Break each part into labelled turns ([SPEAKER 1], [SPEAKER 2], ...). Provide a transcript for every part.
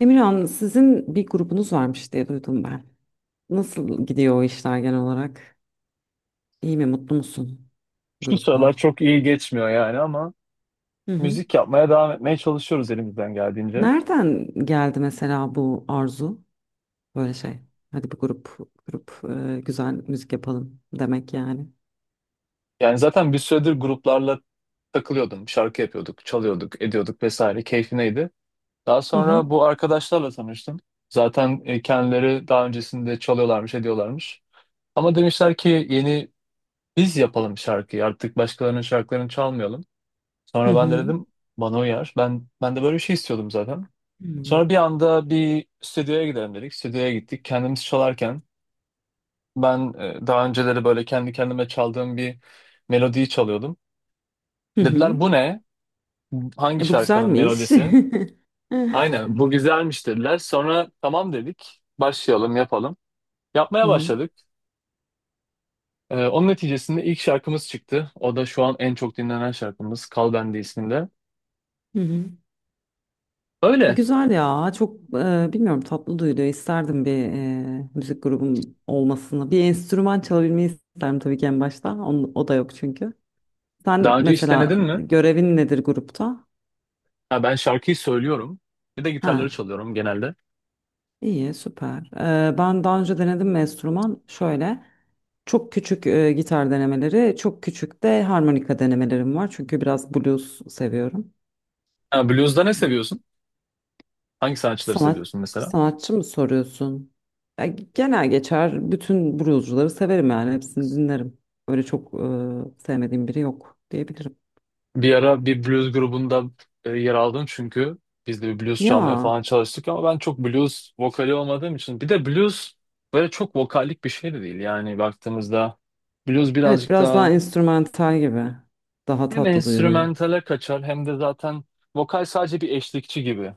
[SPEAKER 1] Emirhan, sizin bir grubunuz varmış diye duydum ben. Nasıl gidiyor o işler genel olarak? İyi mi, mutlu musun
[SPEAKER 2] Şu sıralar
[SPEAKER 1] grupla?
[SPEAKER 2] çok iyi geçmiyor yani ama
[SPEAKER 1] Hı hı.
[SPEAKER 2] müzik yapmaya devam etmeye çalışıyoruz elimizden geldiğince.
[SPEAKER 1] Nereden geldi mesela bu arzu? Böyle şey. Hadi bir grup, grup güzel müzik yapalım demek yani.
[SPEAKER 2] Yani zaten bir süredir gruplarla takılıyordum. Şarkı yapıyorduk, çalıyorduk, ediyorduk vesaire. Keyfineydi. Daha
[SPEAKER 1] Hı hı.
[SPEAKER 2] sonra bu arkadaşlarla tanıştım. Zaten kendileri daha öncesinde çalıyorlarmış, ediyorlarmış. Ama demişler ki yeni biz yapalım şarkıyı. Artık başkalarının şarkılarını çalmayalım.
[SPEAKER 1] Hı
[SPEAKER 2] Sonra ben de
[SPEAKER 1] hı.
[SPEAKER 2] dedim bana uyar. Ben de böyle bir şey istiyordum zaten.
[SPEAKER 1] Hı hı.
[SPEAKER 2] Sonra bir anda bir stüdyoya gidelim dedik. Stüdyoya gittik. Kendimiz çalarken ben daha önceleri böyle kendi kendime çaldığım bir melodiyi çalıyordum.
[SPEAKER 1] Hı hı.
[SPEAKER 2] Dediler bu ne? Hangi
[SPEAKER 1] E bu güzel
[SPEAKER 2] şarkının
[SPEAKER 1] mi iş?
[SPEAKER 2] melodisi?
[SPEAKER 1] Hı
[SPEAKER 2] Aynen bu güzelmiş dediler. Sonra tamam dedik. Başlayalım yapalım. Yapmaya
[SPEAKER 1] hı.
[SPEAKER 2] başladık. Onun neticesinde ilk şarkımız çıktı. O da şu an en çok dinlenen şarkımız Kal Bende isminde.
[SPEAKER 1] Hı hı.
[SPEAKER 2] Öyle.
[SPEAKER 1] Güzel ya, çok bilmiyorum, tatlı duyuluyor, isterdim bir müzik grubum olmasını, bir enstrüman çalabilmeyi isterdim tabii ki en başta. O da yok, çünkü sen
[SPEAKER 2] Daha önce hiç
[SPEAKER 1] mesela
[SPEAKER 2] denedin mi?
[SPEAKER 1] görevin nedir grupta?
[SPEAKER 2] Ha, ben şarkıyı söylüyorum. Bir de gitarları
[SPEAKER 1] Ha,
[SPEAKER 2] çalıyorum genelde.
[SPEAKER 1] iyi, süper. Ben daha önce denedim mi enstrüman? Şöyle çok küçük gitar denemeleri, çok küçük de harmonika denemelerim var çünkü biraz blues seviyorum.
[SPEAKER 2] Ha, blues'da ne seviyorsun? Hangi sanatçıları seviyorsun mesela?
[SPEAKER 1] Sanatçı mı soruyorsun? Ya, genel geçer bütün bluescuları severim yani, hepsini dinlerim. Öyle çok sevmediğim biri yok diyebilirim.
[SPEAKER 2] Bir ara bir blues grubunda yer aldım çünkü biz de bir blues çalmaya
[SPEAKER 1] Ya
[SPEAKER 2] falan çalıştık ama ben çok blues vokali olmadığım için bir de blues böyle çok vokallik bir şey de değil yani baktığımızda blues
[SPEAKER 1] evet,
[SPEAKER 2] birazcık
[SPEAKER 1] biraz daha
[SPEAKER 2] daha
[SPEAKER 1] enstrümantal gibi. Daha
[SPEAKER 2] hem
[SPEAKER 1] tatlı duyuluyor.
[SPEAKER 2] enstrümantale kaçar hem de zaten vokal sadece bir eşlikçi gibi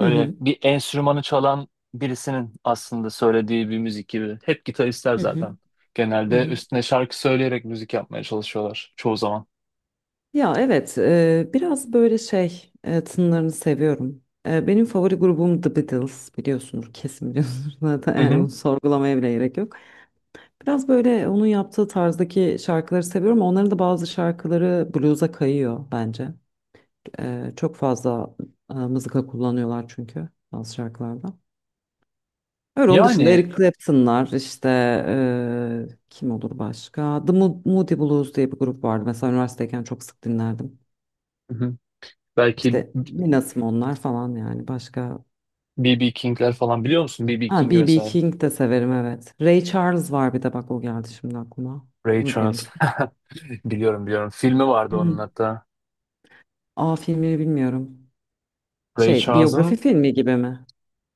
[SPEAKER 1] Hı hı,
[SPEAKER 2] bir enstrümanı çalan birisinin aslında söylediği bir müzik gibi hep gitaristler
[SPEAKER 1] hı hı,
[SPEAKER 2] zaten
[SPEAKER 1] hı
[SPEAKER 2] genelde
[SPEAKER 1] hı.
[SPEAKER 2] üstüne şarkı söyleyerek müzik yapmaya çalışıyorlar çoğu zaman.
[SPEAKER 1] Ya evet, biraz böyle şey, tınlarını seviyorum. Benim favori grubum The Beatles, biliyorsunuz, kesin biliyorsunuz, zaten
[SPEAKER 2] Hı
[SPEAKER 1] yani
[SPEAKER 2] hı.
[SPEAKER 1] bunu sorgulamaya bile gerek yok. Biraz böyle onun yaptığı tarzdaki şarkıları seviyorum. Onların da bazı şarkıları blues'a kayıyor bence. Çok fazla mızıka kullanıyorlar çünkü bazı şarkılarda. Öyle, onun dışında
[SPEAKER 2] Yani
[SPEAKER 1] Eric Clapton'lar işte, kim olur başka? Moody Blues diye bir grup vardı, mesela üniversiteyken çok sık dinlerdim.
[SPEAKER 2] hı hı. Belki
[SPEAKER 1] İşte Nina Simone'lar falan yani, başka.
[SPEAKER 2] B.B. King'ler falan biliyor musun? B.B.
[SPEAKER 1] Ha,
[SPEAKER 2] King
[SPEAKER 1] B.B.
[SPEAKER 2] vesaire.
[SPEAKER 1] King de severim, evet. Ray Charles var, bir de bak, o geldi şimdi aklıma.
[SPEAKER 2] Ray
[SPEAKER 1] Bunu biliyor
[SPEAKER 2] Charles.
[SPEAKER 1] musun?
[SPEAKER 2] Biliyorum biliyorum. Filmi vardı onun
[SPEAKER 1] Hı.
[SPEAKER 2] hatta.
[SPEAKER 1] Aa, filmini bilmiyorum.
[SPEAKER 2] Ray
[SPEAKER 1] Şey, biyografi
[SPEAKER 2] Charles'ın,
[SPEAKER 1] filmi gibi mi?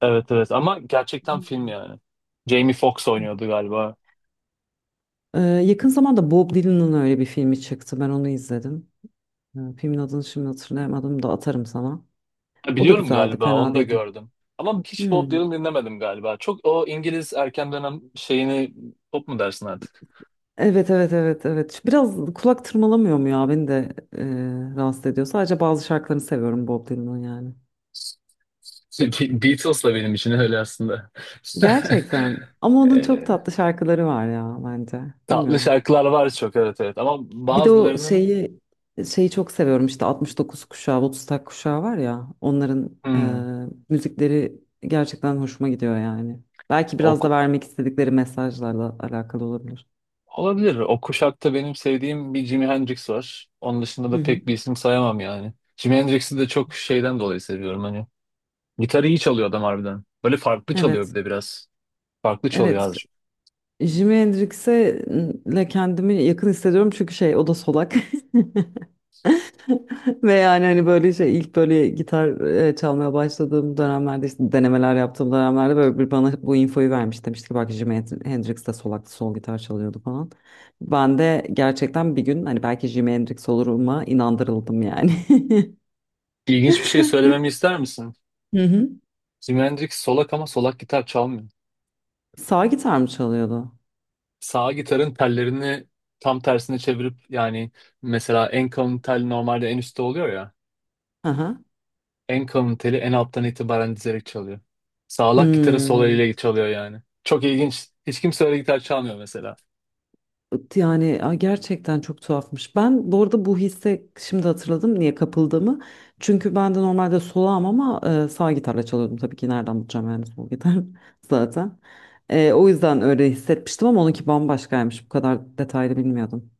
[SPEAKER 2] evet evet, ama gerçekten film
[SPEAKER 1] Hmm.
[SPEAKER 2] yani. Jamie Foxx oynuyordu galiba.
[SPEAKER 1] Yakın zamanda Bob Dylan'ın öyle bir filmi çıktı, ben onu izledim. Filmin adını şimdi hatırlayamadım da atarım sana.
[SPEAKER 2] Ha,
[SPEAKER 1] O da
[SPEAKER 2] biliyorum,
[SPEAKER 1] güzeldi,
[SPEAKER 2] galiba
[SPEAKER 1] fena
[SPEAKER 2] onu da
[SPEAKER 1] değildi.
[SPEAKER 2] gördüm. Ama hiç
[SPEAKER 1] Hmm.
[SPEAKER 2] Bob Dylan dinlemedim galiba. Çok o İngiliz erken dönem şeyini pop mu dersin artık?
[SPEAKER 1] Evet, evet, evet, evet. Şu biraz kulak tırmalamıyor mu ya? Beni de rahatsız ediyor. Sadece bazı şarkılarını seviyorum Bob Dylan'ın yani.
[SPEAKER 2] Beatles da benim için öyle aslında.
[SPEAKER 1] Gerçekten. Ama onun çok
[SPEAKER 2] Ee,
[SPEAKER 1] tatlı şarkıları var ya bence.
[SPEAKER 2] Tatlı
[SPEAKER 1] Bilmiyorum.
[SPEAKER 2] şarkılar var çok, evet evet, ama
[SPEAKER 1] Bir de o
[SPEAKER 2] bazılarının
[SPEAKER 1] şeyi çok seviyorum işte, 69 kuşağı, Woodstock kuşağı var ya, onların
[SPEAKER 2] hmm,
[SPEAKER 1] müzikleri gerçekten hoşuma gidiyor yani. Belki biraz da
[SPEAKER 2] o,
[SPEAKER 1] vermek istedikleri mesajlarla alakalı olabilir.
[SPEAKER 2] olabilir. O kuşakta benim sevdiğim bir Jimi Hendrix var. Onun dışında
[SPEAKER 1] Hı
[SPEAKER 2] da
[SPEAKER 1] hı.
[SPEAKER 2] pek bir isim sayamam yani. Jimi Hendrix'i de çok şeyden dolayı seviyorum hani. Gitarı iyi çalıyor adam harbiden. Böyle farklı çalıyor bir
[SPEAKER 1] Evet.
[SPEAKER 2] de biraz. Farklı çalıyor
[SPEAKER 1] Evet.
[SPEAKER 2] abi.
[SPEAKER 1] Jimi Hendrix'e le kendimi yakın hissediyorum çünkü şey, o da solak. Ve yani hani böyle şey, ilk böyle gitar çalmaya başladığım dönemlerde, işte denemeler yaptığım dönemlerde, böyle bir bana bu infoyu vermiş. Demişti ki bak, Jimi Hendrix de sol gitar çalıyordu falan. Ben de gerçekten bir gün hani belki Jimi Hendrix oluruma inandırıldım yani.
[SPEAKER 2] İlginç bir şey söylememi ister misin?
[SPEAKER 1] Hı hı.
[SPEAKER 2] Jimi Hendrix solak ama solak gitar çalmıyor.
[SPEAKER 1] Sağ gitar mı çalıyordu?
[SPEAKER 2] Sağ gitarın tellerini tam tersine çevirip yani mesela en kalın tel normalde en üstte oluyor ya.
[SPEAKER 1] Aha.
[SPEAKER 2] En kalın teli en alttan itibaren dizerek çalıyor. Sağlak gitarı sol
[SPEAKER 1] Hmm.
[SPEAKER 2] eliyle çalıyor yani. Çok ilginç. Hiç kimse öyle gitar çalmıyor mesela.
[SPEAKER 1] Yani gerçekten çok tuhafmış. Ben bu arada bu hisse şimdi hatırladım niye kapıldığımı. Çünkü ben de normalde solağım ama sağ gitarla çalıyordum. Tabii ki nereden bulacağım yani sol gitar zaten. O yüzden öyle hissetmiştim ama onunki bambaşkaymış. Bu kadar detaylı bilmiyordum.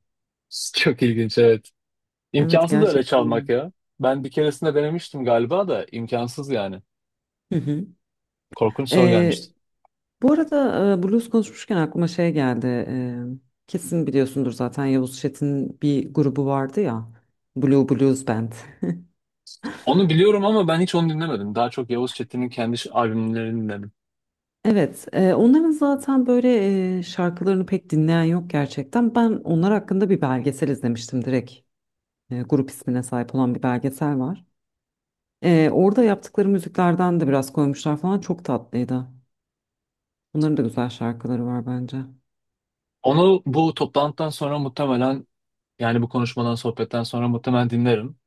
[SPEAKER 2] Çok ilginç evet.
[SPEAKER 1] Evet,
[SPEAKER 2] İmkansız da öyle
[SPEAKER 1] gerçekten.
[SPEAKER 2] çalmak
[SPEAKER 1] Hmm.
[SPEAKER 2] ya. Ben bir keresinde denemiştim galiba da imkansız yani.
[SPEAKER 1] Hı hı.
[SPEAKER 2] Korkunç soru gelmişti.
[SPEAKER 1] E, Bu arada, blues konuşmuşken aklıma şey geldi. Kesin biliyorsundur zaten, Yavuz Çetin'in bir grubu vardı ya, Blue Blues Band.
[SPEAKER 2] Onu biliyorum ama ben hiç onu dinlemedim. Daha çok Yavuz Çetin'in kendi albümlerini dinledim.
[SPEAKER 1] Evet, onların zaten böyle şarkılarını pek dinleyen yok gerçekten. Ben onlar hakkında bir belgesel izlemiştim direkt. Grup ismine sahip olan bir belgesel var. Orada yaptıkları müziklerden de biraz koymuşlar falan. Çok tatlıydı. Onların da güzel şarkıları var bence.
[SPEAKER 2] Onu bu toplantıdan sonra muhtemelen yani bu konuşmadan sohbetten sonra muhtemelen dinlerim.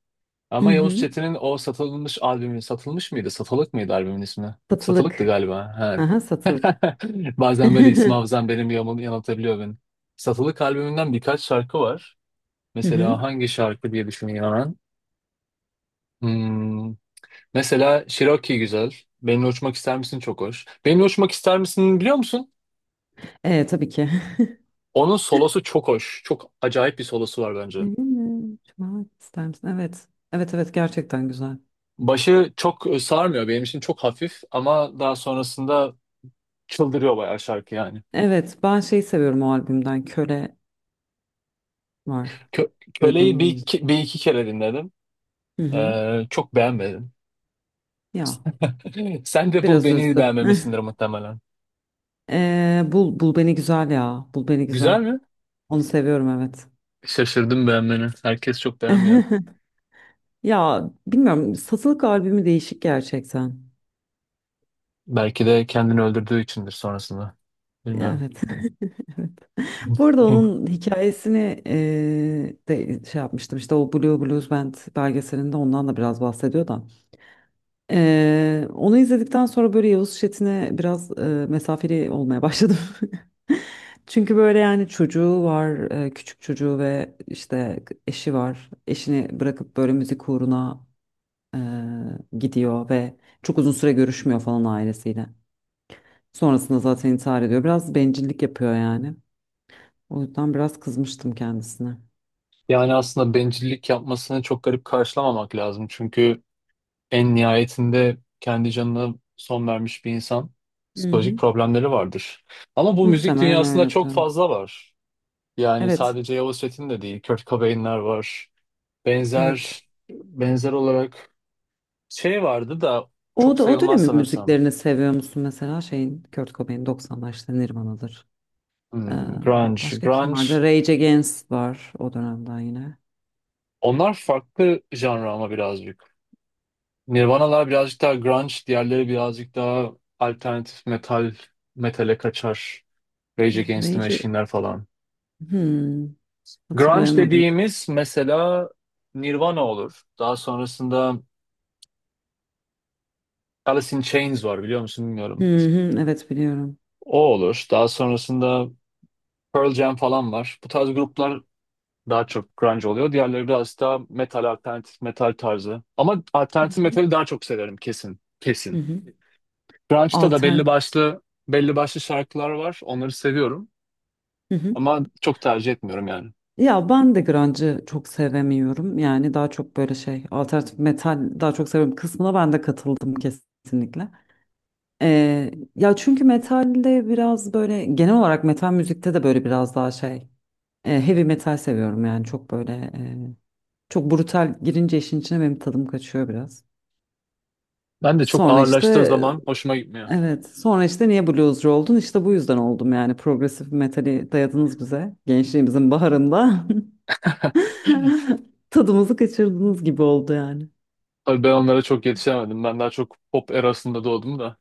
[SPEAKER 1] Hı
[SPEAKER 2] Ama Yavuz
[SPEAKER 1] hı.
[SPEAKER 2] Çetin'in o satılmış albümü satılmış mıydı? Satılık mıydı albümün ismi? Satılıktı
[SPEAKER 1] Satılık.
[SPEAKER 2] galiba. Ha.
[SPEAKER 1] Aha, satılık.
[SPEAKER 2] Bazen böyle isim hafızam benim yanıltabiliyor beni. Satılık albümünden birkaç şarkı var.
[SPEAKER 1] Hı
[SPEAKER 2] Mesela
[SPEAKER 1] hı.
[SPEAKER 2] hangi şarkı diye düşüneyim hemen. Hmm, Mesela Cherokee güzel. Benimle Uçmak ister misin? Çok hoş. Benimle Uçmak ister misin biliyor musun?
[SPEAKER 1] Tabii ki.
[SPEAKER 2] Onun solosu çok hoş. Çok acayip bir solosu var bence.
[SPEAKER 1] Evimi çalmak ister misin? Evet. Evet, evet, gerçekten güzel.
[SPEAKER 2] Başı çok sarmıyor. Benim için çok hafif ama daha sonrasında çıldırıyor bayağı şarkı yani.
[SPEAKER 1] Evet, ben şeyi seviyorum o albümden, Köle var. Duydun
[SPEAKER 2] Köle'yi bir
[SPEAKER 1] mu?
[SPEAKER 2] iki, bir iki kere dinledim.
[SPEAKER 1] Hı hı.
[SPEAKER 2] Çok beğenmedim.
[SPEAKER 1] Ya,
[SPEAKER 2] Sen de bul
[SPEAKER 1] biraz
[SPEAKER 2] beni
[SPEAKER 1] üzdü.
[SPEAKER 2] beğenmemişsindir
[SPEAKER 1] Eh.
[SPEAKER 2] muhtemelen.
[SPEAKER 1] Bul beni güzel ya. Bul Beni
[SPEAKER 2] Güzel
[SPEAKER 1] güzel.
[SPEAKER 2] mi?
[SPEAKER 1] Onu seviyorum, evet.
[SPEAKER 2] Şaşırdım beğenmeni. Herkes çok beğenmiyor.
[SPEAKER 1] Ya, bilmiyorum, satılık albümü değişik gerçekten.
[SPEAKER 2] Belki de kendini öldürdüğü içindir sonrasında. Bilmiyorum.
[SPEAKER 1] Evet. Bu arada onun hikayesini de şey yapmıştım işte, o Blue Blues Band belgeselinde ondan da biraz bahsediyor da. Onu izledikten sonra böyle Yavuz Şetin'e biraz mesafeli olmaya başladım. Çünkü böyle yani, çocuğu var, küçük çocuğu ve işte eşi var. Eşini bırakıp böyle müzik uğruna gidiyor ve çok uzun süre görüşmüyor falan ailesiyle. Sonrasında zaten intihar ediyor. Biraz bencillik yapıyor yani. O yüzden biraz kızmıştım kendisine.
[SPEAKER 2] Yani aslında bencillik yapmasını çok garip karşılamamak lazım. Çünkü en nihayetinde kendi canına son vermiş bir insan
[SPEAKER 1] Hı
[SPEAKER 2] psikolojik
[SPEAKER 1] hı.
[SPEAKER 2] problemleri vardır. Ama bu müzik
[SPEAKER 1] Muhtemelen
[SPEAKER 2] dünyasında
[SPEAKER 1] öyledir,
[SPEAKER 2] çok
[SPEAKER 1] hani.
[SPEAKER 2] fazla var. Yani
[SPEAKER 1] Evet,
[SPEAKER 2] sadece Yavuz Çetin de değil. Kurt Cobain'ler var.
[SPEAKER 1] evet.
[SPEAKER 2] Benzer benzer olarak şey vardı da
[SPEAKER 1] O
[SPEAKER 2] çok
[SPEAKER 1] da, o
[SPEAKER 2] sayılmaz
[SPEAKER 1] dönemin
[SPEAKER 2] sanırsam.
[SPEAKER 1] müziklerini seviyor musun mesela? Şeyin, Kurt Cobain, 90'lar işte, Nirvana'dır. Ee,
[SPEAKER 2] Grunge.
[SPEAKER 1] başka kim vardı?
[SPEAKER 2] Grunge.
[SPEAKER 1] Rage Against var o dönemden yine.
[SPEAKER 2] Onlar farklı janra ama birazcık. Nirvana'lar birazcık daha grunge, diğerleri birazcık daha alternatif metal, metale kaçar. Rage Against the
[SPEAKER 1] Rage
[SPEAKER 2] Machine'ler falan.
[SPEAKER 1] hmm,
[SPEAKER 2] Grunge
[SPEAKER 1] hatırlayamadım.
[SPEAKER 2] dediğimiz mesela Nirvana olur. Daha sonrasında Alice in Chains var biliyor musun
[SPEAKER 1] Hı
[SPEAKER 2] bilmiyorum.
[SPEAKER 1] hı, evet biliyorum.
[SPEAKER 2] O olur. Daha sonrasında Pearl Jam falan var. Bu tarz gruplar daha çok grunge oluyor. Diğerleri biraz daha metal, alternatif metal tarzı. Ama
[SPEAKER 1] Hı
[SPEAKER 2] alternatif
[SPEAKER 1] hı.
[SPEAKER 2] metali daha çok severim, kesin.
[SPEAKER 1] Hı
[SPEAKER 2] Kesin.
[SPEAKER 1] hı.
[SPEAKER 2] Grunge'da da belli
[SPEAKER 1] Alter
[SPEAKER 2] başlı belli
[SPEAKER 1] evet.
[SPEAKER 2] başlı şarkılar var. Onları seviyorum.
[SPEAKER 1] Hı hı.
[SPEAKER 2] Ama çok tercih etmiyorum yani.
[SPEAKER 1] Ya ben de grunge'ı çok sevemiyorum. Yani daha çok böyle şey, alternatif metal daha çok seviyorum kısmına ben de katıldım kesinlikle. Ya çünkü metalde biraz böyle, genel olarak metal müzikte de böyle, biraz daha şey, heavy metal seviyorum yani, çok böyle çok brutal girince işin içine benim tadım kaçıyor biraz.
[SPEAKER 2] Ben de çok
[SPEAKER 1] Sonra
[SPEAKER 2] ağırlaştığı
[SPEAKER 1] işte
[SPEAKER 2] zaman hoşuma gitmiyor.
[SPEAKER 1] evet, sonra işte niye bluescu oldun, İşte bu yüzden oldum yani, progresif metali dayadınız bize gençliğimizin baharında tadımızı kaçırdığınız gibi oldu yani.
[SPEAKER 2] Tabii ben onlara çok yetişemedim. Ben daha çok pop erasında doğdum da.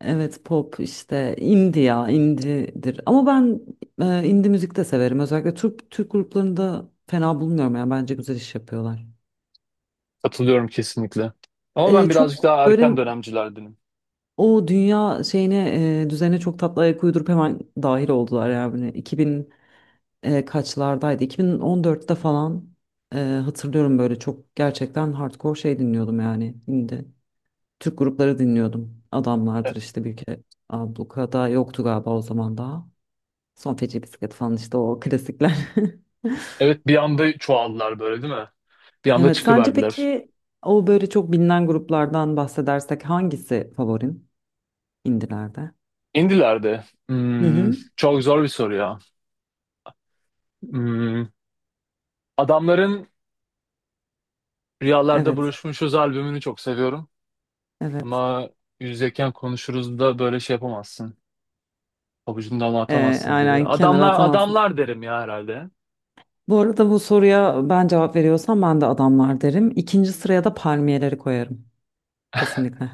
[SPEAKER 1] Evet, pop işte indie ya, indie'dir ama ben indie müzik de severim, özellikle Türk gruplarını da fena bulmuyorum yani, bence güzel iş yapıyorlar.
[SPEAKER 2] Katılıyorum kesinlikle. Ama ben birazcık daha
[SPEAKER 1] Çok böyle
[SPEAKER 2] erken dönemcilerdenim.
[SPEAKER 1] o dünya şeyine, düzene çok tatlı ayak uydurup hemen dahil oldular yani, 2000 kaçlardaydı, 2014'te falan hatırlıyorum, böyle çok gerçekten hardcore şey dinliyordum yani, indie Türk grupları dinliyordum,
[SPEAKER 2] E-
[SPEAKER 1] adamlardır işte bir kere, ablukada yoktu galiba o zaman daha. Son Feci Bisiklet falan işte, o klasikler.
[SPEAKER 2] Evet bir anda çoğaldılar böyle değil mi? Bir anda
[SPEAKER 1] Evet, sence
[SPEAKER 2] çıkıverdiler.
[SPEAKER 1] peki o böyle çok bilinen gruplardan bahsedersek hangisi favorin indilerde?
[SPEAKER 2] İndiler de.
[SPEAKER 1] Hı hı.
[SPEAKER 2] Çok zor bir soru ya. Hmm, Adamların Rüyalarda
[SPEAKER 1] Evet,
[SPEAKER 2] Buluşmuşuz albümünü çok seviyorum.
[SPEAKER 1] evet.
[SPEAKER 2] Ama Yüzdeyken Konuşuruz da böyle şey yapamazsın. Pabucundan atamazsın gibi.
[SPEAKER 1] Aynen, kenara
[SPEAKER 2] Adamlar
[SPEAKER 1] atamazsın.
[SPEAKER 2] adamlar derim ya herhalde.
[SPEAKER 1] Bu arada bu soruya ben cevap veriyorsam, ben de Adamlar derim. İkinci sıraya da Palmiyeleri koyarım. Kesinlikle.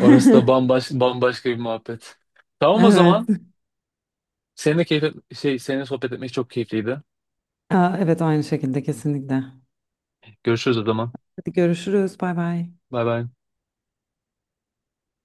[SPEAKER 2] Orası da bambaşka bir muhabbet. Tamam o
[SPEAKER 1] Evet.
[SPEAKER 2] zaman. Seninle sohbet etmek çok keyifliydi.
[SPEAKER 1] Aa, evet, aynı şekilde kesinlikle.
[SPEAKER 2] Görüşürüz o zaman.
[SPEAKER 1] Hadi görüşürüz. Bay bay.
[SPEAKER 2] Bay bay.